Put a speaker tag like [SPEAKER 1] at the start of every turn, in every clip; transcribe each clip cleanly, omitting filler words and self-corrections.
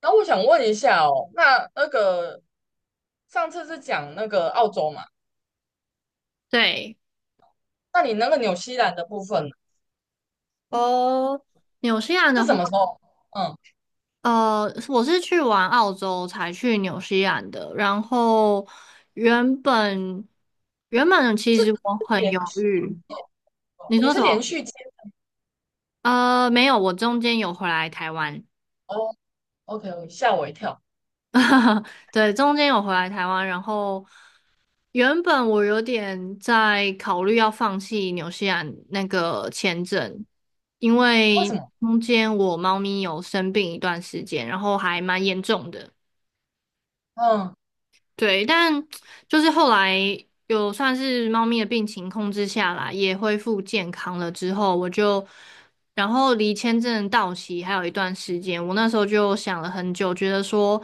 [SPEAKER 1] 那我想问一下哦，那个上次是讲那个澳洲嘛？
[SPEAKER 2] 对，
[SPEAKER 1] 那你那个纽西兰的部分呢
[SPEAKER 2] 哦，纽西兰的
[SPEAKER 1] 是什
[SPEAKER 2] 话，
[SPEAKER 1] 么时候？嗯，
[SPEAKER 2] 我是去完澳洲才去纽西兰的。然后原本原本其实我
[SPEAKER 1] 是
[SPEAKER 2] 很
[SPEAKER 1] 连
[SPEAKER 2] 犹
[SPEAKER 1] 续
[SPEAKER 2] 豫。
[SPEAKER 1] 哦
[SPEAKER 2] 你
[SPEAKER 1] 你
[SPEAKER 2] 说
[SPEAKER 1] 是
[SPEAKER 2] 什
[SPEAKER 1] 连
[SPEAKER 2] 么？
[SPEAKER 1] 续接
[SPEAKER 2] 没有，我中间有回来台湾。
[SPEAKER 1] 哦？OK，吓我一跳，
[SPEAKER 2] 对，中间有回来台湾。然后原本我有点在考虑要放弃纽西兰那个签证，因
[SPEAKER 1] 为什
[SPEAKER 2] 为
[SPEAKER 1] 么？
[SPEAKER 2] 中间我猫咪有生病一段时间，然后还蛮严重的。
[SPEAKER 1] 嗯
[SPEAKER 2] 对，但就是后来有算是猫咪的病情控制下来，也恢复健康了之后，我就，然后离签证到期还有一段时间，我那时候就想了很久，觉得说，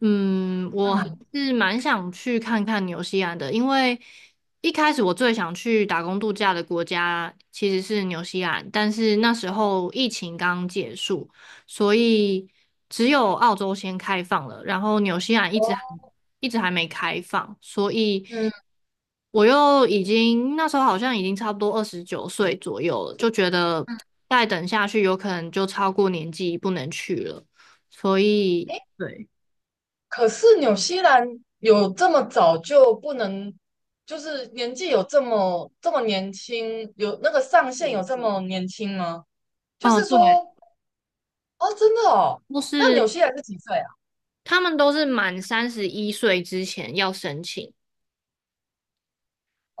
[SPEAKER 2] 嗯，我还
[SPEAKER 1] 嗯
[SPEAKER 2] 是蛮想去看看纽西兰的，因为一开始我最想去打工度假的国家其实是纽西兰，但是那时候疫情刚结束。所以只有澳洲先开放了，然后纽西兰一直还
[SPEAKER 1] 哦
[SPEAKER 2] 一直还没开放，所以
[SPEAKER 1] 嗯
[SPEAKER 2] 我又已经那时候好像已经差不多29岁左右了，就觉得
[SPEAKER 1] 嗯，
[SPEAKER 2] 再等下去有可能就超过年纪不能去了，所以
[SPEAKER 1] 诶，
[SPEAKER 2] 对。
[SPEAKER 1] 可是纽西兰有这么早就不能，就是年纪有这么年轻，有那个上限有这么年轻吗？就
[SPEAKER 2] 哦
[SPEAKER 1] 是
[SPEAKER 2] 对，
[SPEAKER 1] 说，哦，真的哦，
[SPEAKER 2] 都
[SPEAKER 1] 那
[SPEAKER 2] 是
[SPEAKER 1] 纽西兰是几岁啊？
[SPEAKER 2] 他们都是满三十一岁之前要申请，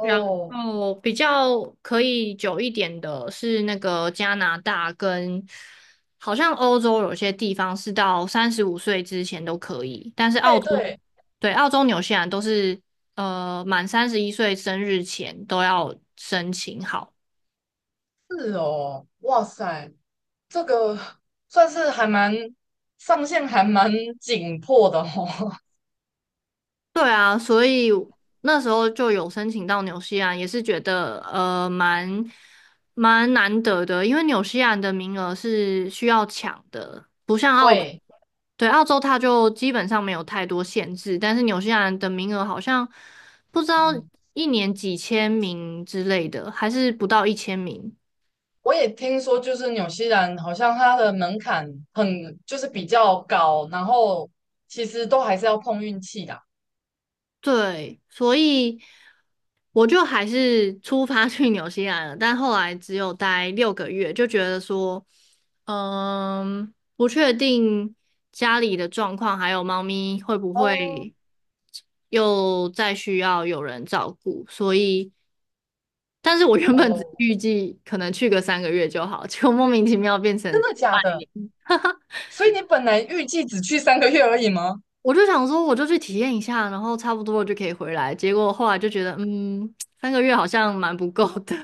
[SPEAKER 2] 然后比较可以久一点的是那个加拿大跟，好像欧洲有些地方是到35岁之前都可以，但是澳
[SPEAKER 1] 对
[SPEAKER 2] 洲，
[SPEAKER 1] 对。
[SPEAKER 2] 对，澳洲、纽西兰都是满三十一岁生日前都要申请好。
[SPEAKER 1] 是哦，哇塞，这个算是上限还蛮紧迫的哦。
[SPEAKER 2] 对啊，所以那时候就有申请到纽西兰，也是觉得蛮难得的，因为纽西兰的名额是需要抢的，不像澳洲，
[SPEAKER 1] 对，
[SPEAKER 2] 对，澳洲它就基本上没有太多限制，但是纽西兰的名额好像不知道
[SPEAKER 1] 嗯
[SPEAKER 2] 一年几千名之类的，还是不到1,000名。
[SPEAKER 1] 我也听说，就是纽西兰好像它的门槛很就是比较高，然后其实都还是要碰运气的。
[SPEAKER 2] 对，所以我就还是出发去纽西兰了，但后来只有待6个月，就觉得说，嗯，不确定家里的状况，还有猫咪会不
[SPEAKER 1] 哦
[SPEAKER 2] 会又再需要有人照顾，所以，但是我原本只
[SPEAKER 1] 哦，
[SPEAKER 2] 预计可能去个三个月就好，结果莫名其妙变
[SPEAKER 1] 真
[SPEAKER 2] 成，
[SPEAKER 1] 的假的？所以你本来预计只去3个月而已吗？
[SPEAKER 2] 我就想说我就去体验一下，然后差不多了就可以回来，结果后来就觉得，嗯，三个月好像蛮不够的。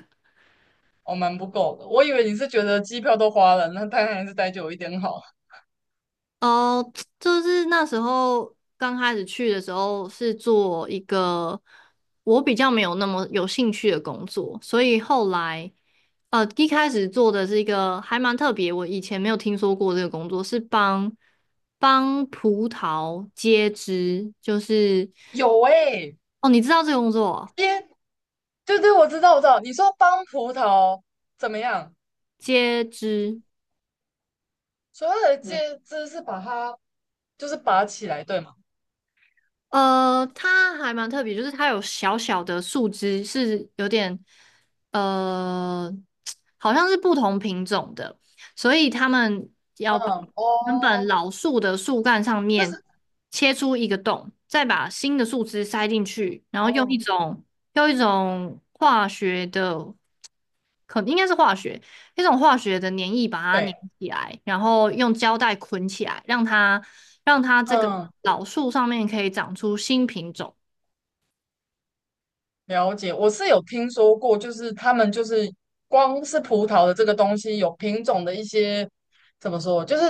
[SPEAKER 1] 哦，蛮不够的。我以为你是觉得机票都花了，那当然还是待久一点好。
[SPEAKER 2] 哦，就是那时候刚开始去的时候是做一个我比较没有那么有兴趣的工作，所以后来一开始做的是一个还蛮特别，我以前没有听说过这个工作，是帮葡萄接枝，就是
[SPEAKER 1] 有诶、
[SPEAKER 2] 哦，你知道这个工作哦
[SPEAKER 1] 天对对，我知道，我知道。你说帮葡萄怎么样？
[SPEAKER 2] 接枝。
[SPEAKER 1] 所有的介质是把它就是拔起来，对吗？
[SPEAKER 2] 它还蛮特别，就是它有小小的树枝，是有点呃，好像是不同品种的，所以他们要把
[SPEAKER 1] 嗯，
[SPEAKER 2] 原
[SPEAKER 1] 哦，
[SPEAKER 2] 本老树的树干上
[SPEAKER 1] 就
[SPEAKER 2] 面
[SPEAKER 1] 是
[SPEAKER 2] 切出一个洞，再把新的树枝塞进去，然后用一
[SPEAKER 1] 哦，
[SPEAKER 2] 种用一种化学的可应该是化学，一种化学的粘液把它粘
[SPEAKER 1] 对，
[SPEAKER 2] 起来，然后用胶带捆起来，让它这个
[SPEAKER 1] 嗯。
[SPEAKER 2] 老树上面可以长出新品种。
[SPEAKER 1] 了解，我是有听说过，就是他们就是光是葡萄的这个东西有品种的一些怎么说，就是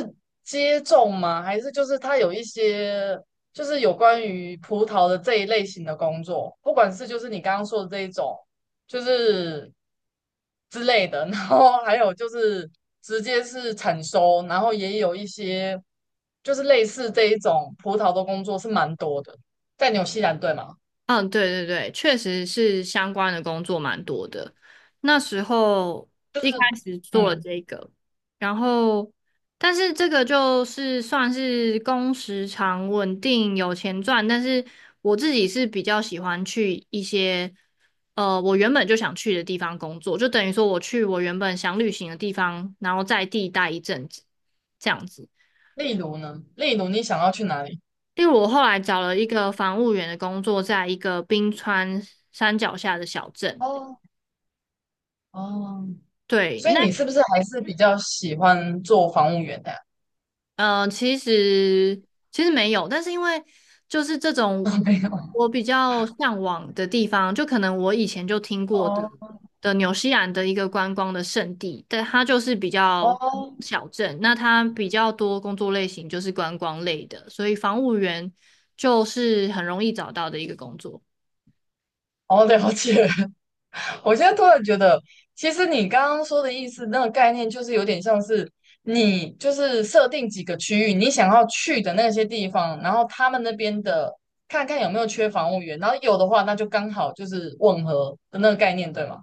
[SPEAKER 1] 接种吗？还是就是它有一些就是有关于葡萄的这一类型的工作，不管是就是你刚刚说的这一种，就是之类的，然后还有就是直接是产收，然后也有一些就是类似这一种葡萄的工作是蛮多的，在纽西兰对吗？
[SPEAKER 2] 嗯，对对对，确实是相关的工作蛮多的。那时候
[SPEAKER 1] 就
[SPEAKER 2] 一开
[SPEAKER 1] 是
[SPEAKER 2] 始做了
[SPEAKER 1] 嗯。
[SPEAKER 2] 这个，然后但是这个就是算是工时长、稳定、有钱赚，但是我自己是比较喜欢去一些我原本就想去的地方工作，就等于说我去我原本想旅行的地方，然后在地待一阵子，这样子。
[SPEAKER 1] 例如呢？例如你想要去哪里？
[SPEAKER 2] 例如，我后来找了一个防务员的工作，在一个冰川山脚下的小镇。
[SPEAKER 1] 哦哦，
[SPEAKER 2] 对，
[SPEAKER 1] 所以
[SPEAKER 2] 那
[SPEAKER 1] 你是不是还是比较喜欢做房务员的呀？
[SPEAKER 2] 呃，其实其实没有，但是因为就是这种
[SPEAKER 1] 没有。
[SPEAKER 2] 我比较向往的地方，就可能我以前就听过的
[SPEAKER 1] 哦
[SPEAKER 2] 的纽西兰的一个观光的圣地，但它就是比较
[SPEAKER 1] 哦
[SPEAKER 2] 小镇，那它比较多工作类型就是观光类的，所以防务员就是很容易找到的一个工作。
[SPEAKER 1] 哦，了解。我现在突然觉得，其实你刚刚说的意思，那个概念就是有点像是你就是设定几个区域，你想要去的那些地方，然后他们那边的看看有没有缺房务员，然后有的话，那就刚好就是吻合的那个概念，对吗？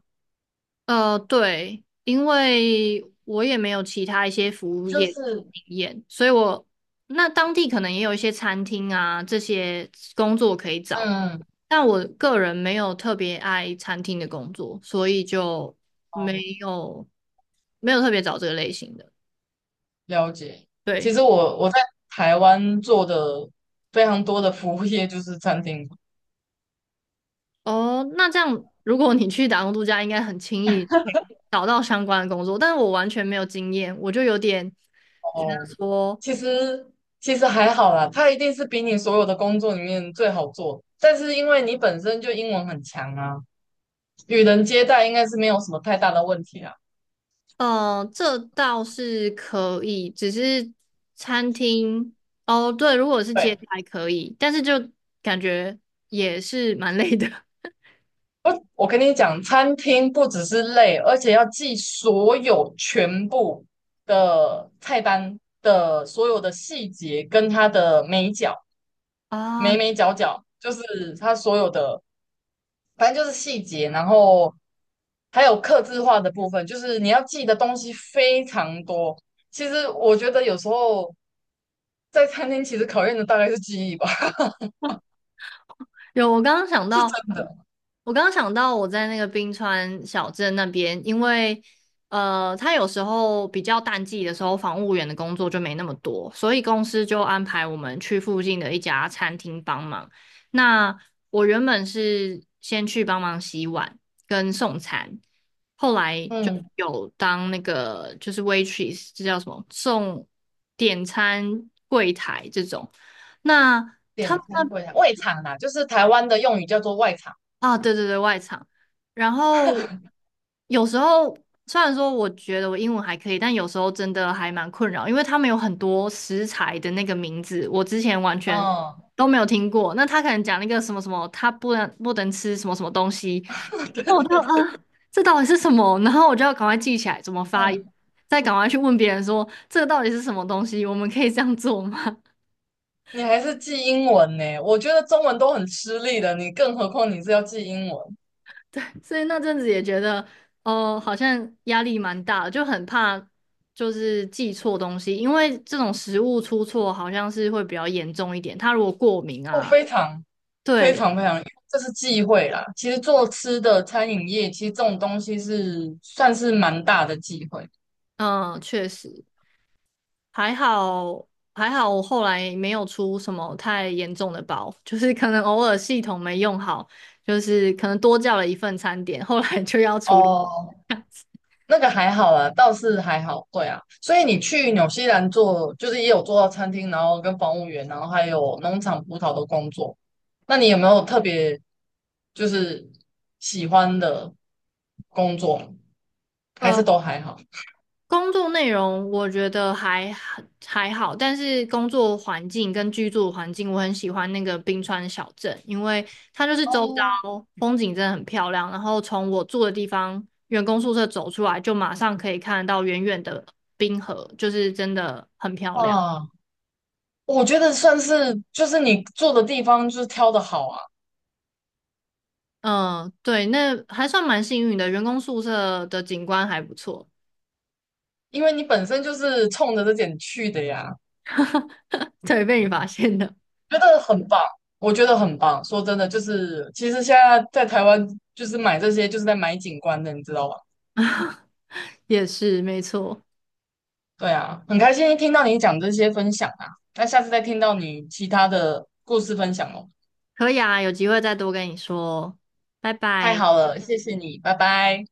[SPEAKER 2] 对，因为我也没有其他一些服务
[SPEAKER 1] 就
[SPEAKER 2] 业
[SPEAKER 1] 是
[SPEAKER 2] 经验，所以我那当地可能也有一些餐厅啊，这些工作可以找，
[SPEAKER 1] 嗯，
[SPEAKER 2] 但我个人没有特别爱餐厅的工作，所以就没
[SPEAKER 1] 哦
[SPEAKER 2] 有没有特别找这个类型的。
[SPEAKER 1] 了解。其
[SPEAKER 2] 对。
[SPEAKER 1] 实我在台湾做的非常多的服务业就是餐厅
[SPEAKER 2] 哦，那这样如果你去打工度假，应该很轻易可以找到相关的工作，但是我完全没有经验，我就有点觉
[SPEAKER 1] 哦，
[SPEAKER 2] 得说。
[SPEAKER 1] 其实其实还好啦，它一定是比你所有的工作里面最好做，但是因为你本身就英文很强啊，与人接待应该是没有什么太大的问题啊。
[SPEAKER 2] 这倒是可以，只是餐厅哦，对，如果是接
[SPEAKER 1] 对，
[SPEAKER 2] 待可以，但是就感觉也是蛮累的
[SPEAKER 1] 我跟你讲，餐厅不只是累，而且要记所有全部的菜单的所有的细节跟它的美角。
[SPEAKER 2] 啊。
[SPEAKER 1] 眉眉角角，就是它所有的，反正就是细节，然后还有刻字化的部分，就是你要记的东西非常多。其实我觉得有时候在餐厅，其实考验的大概是记忆吧，
[SPEAKER 2] 有，
[SPEAKER 1] 是真的。
[SPEAKER 2] 我刚刚想到我在那个冰川小镇那边，因为他有时候比较淡季的时候，房务员的工作就没那么多，所以公司就安排我们去附近的一家餐厅帮忙。那我原本是先去帮忙洗碗跟送餐，后来就
[SPEAKER 1] 嗯，
[SPEAKER 2] 有当那个就是 waitress，这叫什么？送点餐柜台这种。那他
[SPEAKER 1] 点
[SPEAKER 2] 们
[SPEAKER 1] 餐
[SPEAKER 2] 那
[SPEAKER 1] 柜台外场啦，就是台湾的用语叫做外场。
[SPEAKER 2] 啊，对对对，外场。然后有时候虽然说我觉得我英文还可以，但有时候真的还蛮困扰，因为他们有很多食材的那个名字，我之前完全
[SPEAKER 1] 嗯，
[SPEAKER 2] 都没有听过。那他可能讲那个什么什么，他不能吃什么什么东西，
[SPEAKER 1] 对
[SPEAKER 2] 那
[SPEAKER 1] 对
[SPEAKER 2] 我就
[SPEAKER 1] 对，
[SPEAKER 2] 啊，这到底是什么？然后我就要赶快记起来怎么发
[SPEAKER 1] 嗯
[SPEAKER 2] 音，再赶快去问别人说这个到底是什么东西，我们可以这样做吗？
[SPEAKER 1] 你还是记英文呢？我觉得中文都很吃力的，你更何况你是要记英文，
[SPEAKER 2] 对，所以那阵子也觉得，哦，好像压力蛮大的，就很怕就是记错东西，因为这种食物出错好像是会比较严重一点。他如果过敏
[SPEAKER 1] 哦，
[SPEAKER 2] 啊，
[SPEAKER 1] 非常。非
[SPEAKER 2] 对，
[SPEAKER 1] 常非常，因为这是忌讳啦。其实做吃的餐饮业，其实这种东西是算是蛮大的忌讳
[SPEAKER 2] 嗯，确实还好，还好我后来没有出什么太严重的包，就是可能偶尔系统没用好，就是可能多叫了一份餐点，后来就要处理。
[SPEAKER 1] 哦。那个还好啦，倒是还好。对啊，所以你去纽西兰做，就是也有做到餐厅，然后跟房务员，然后还有农场葡萄的工作。那你有没有特别就是喜欢的工作？还是都
[SPEAKER 2] 呃
[SPEAKER 1] 还好？
[SPEAKER 2] 工作内容我觉得还好，但是工作环境跟居住环境，我很喜欢那个冰川小镇，因为它就是周遭
[SPEAKER 1] 哦，
[SPEAKER 2] 风景真的很漂亮，然后从我住的地方员工宿舍走出来，就马上可以看得到远远的冰河，就是真的很漂亮。
[SPEAKER 1] 啊，我觉得算是就是你做的地方就是挑的好啊。
[SPEAKER 2] 嗯，对，那还算蛮幸运的，员工宿舍的景观还不错。
[SPEAKER 1] 因为你本身就是冲着这点去的呀，
[SPEAKER 2] 对，被你发现的，
[SPEAKER 1] 觉得很棒，我觉得很棒。说真的，就是其实现在在台湾就是买这些就是在买景观的，你知道吧？
[SPEAKER 2] 也是没错。
[SPEAKER 1] 对啊，很开心听到你讲这些分享啊，那下次再听到你其他的故事分享哦。
[SPEAKER 2] 可以啊，有机会再多跟你说，拜
[SPEAKER 1] 太
[SPEAKER 2] 拜。
[SPEAKER 1] 好了，谢谢你，拜拜。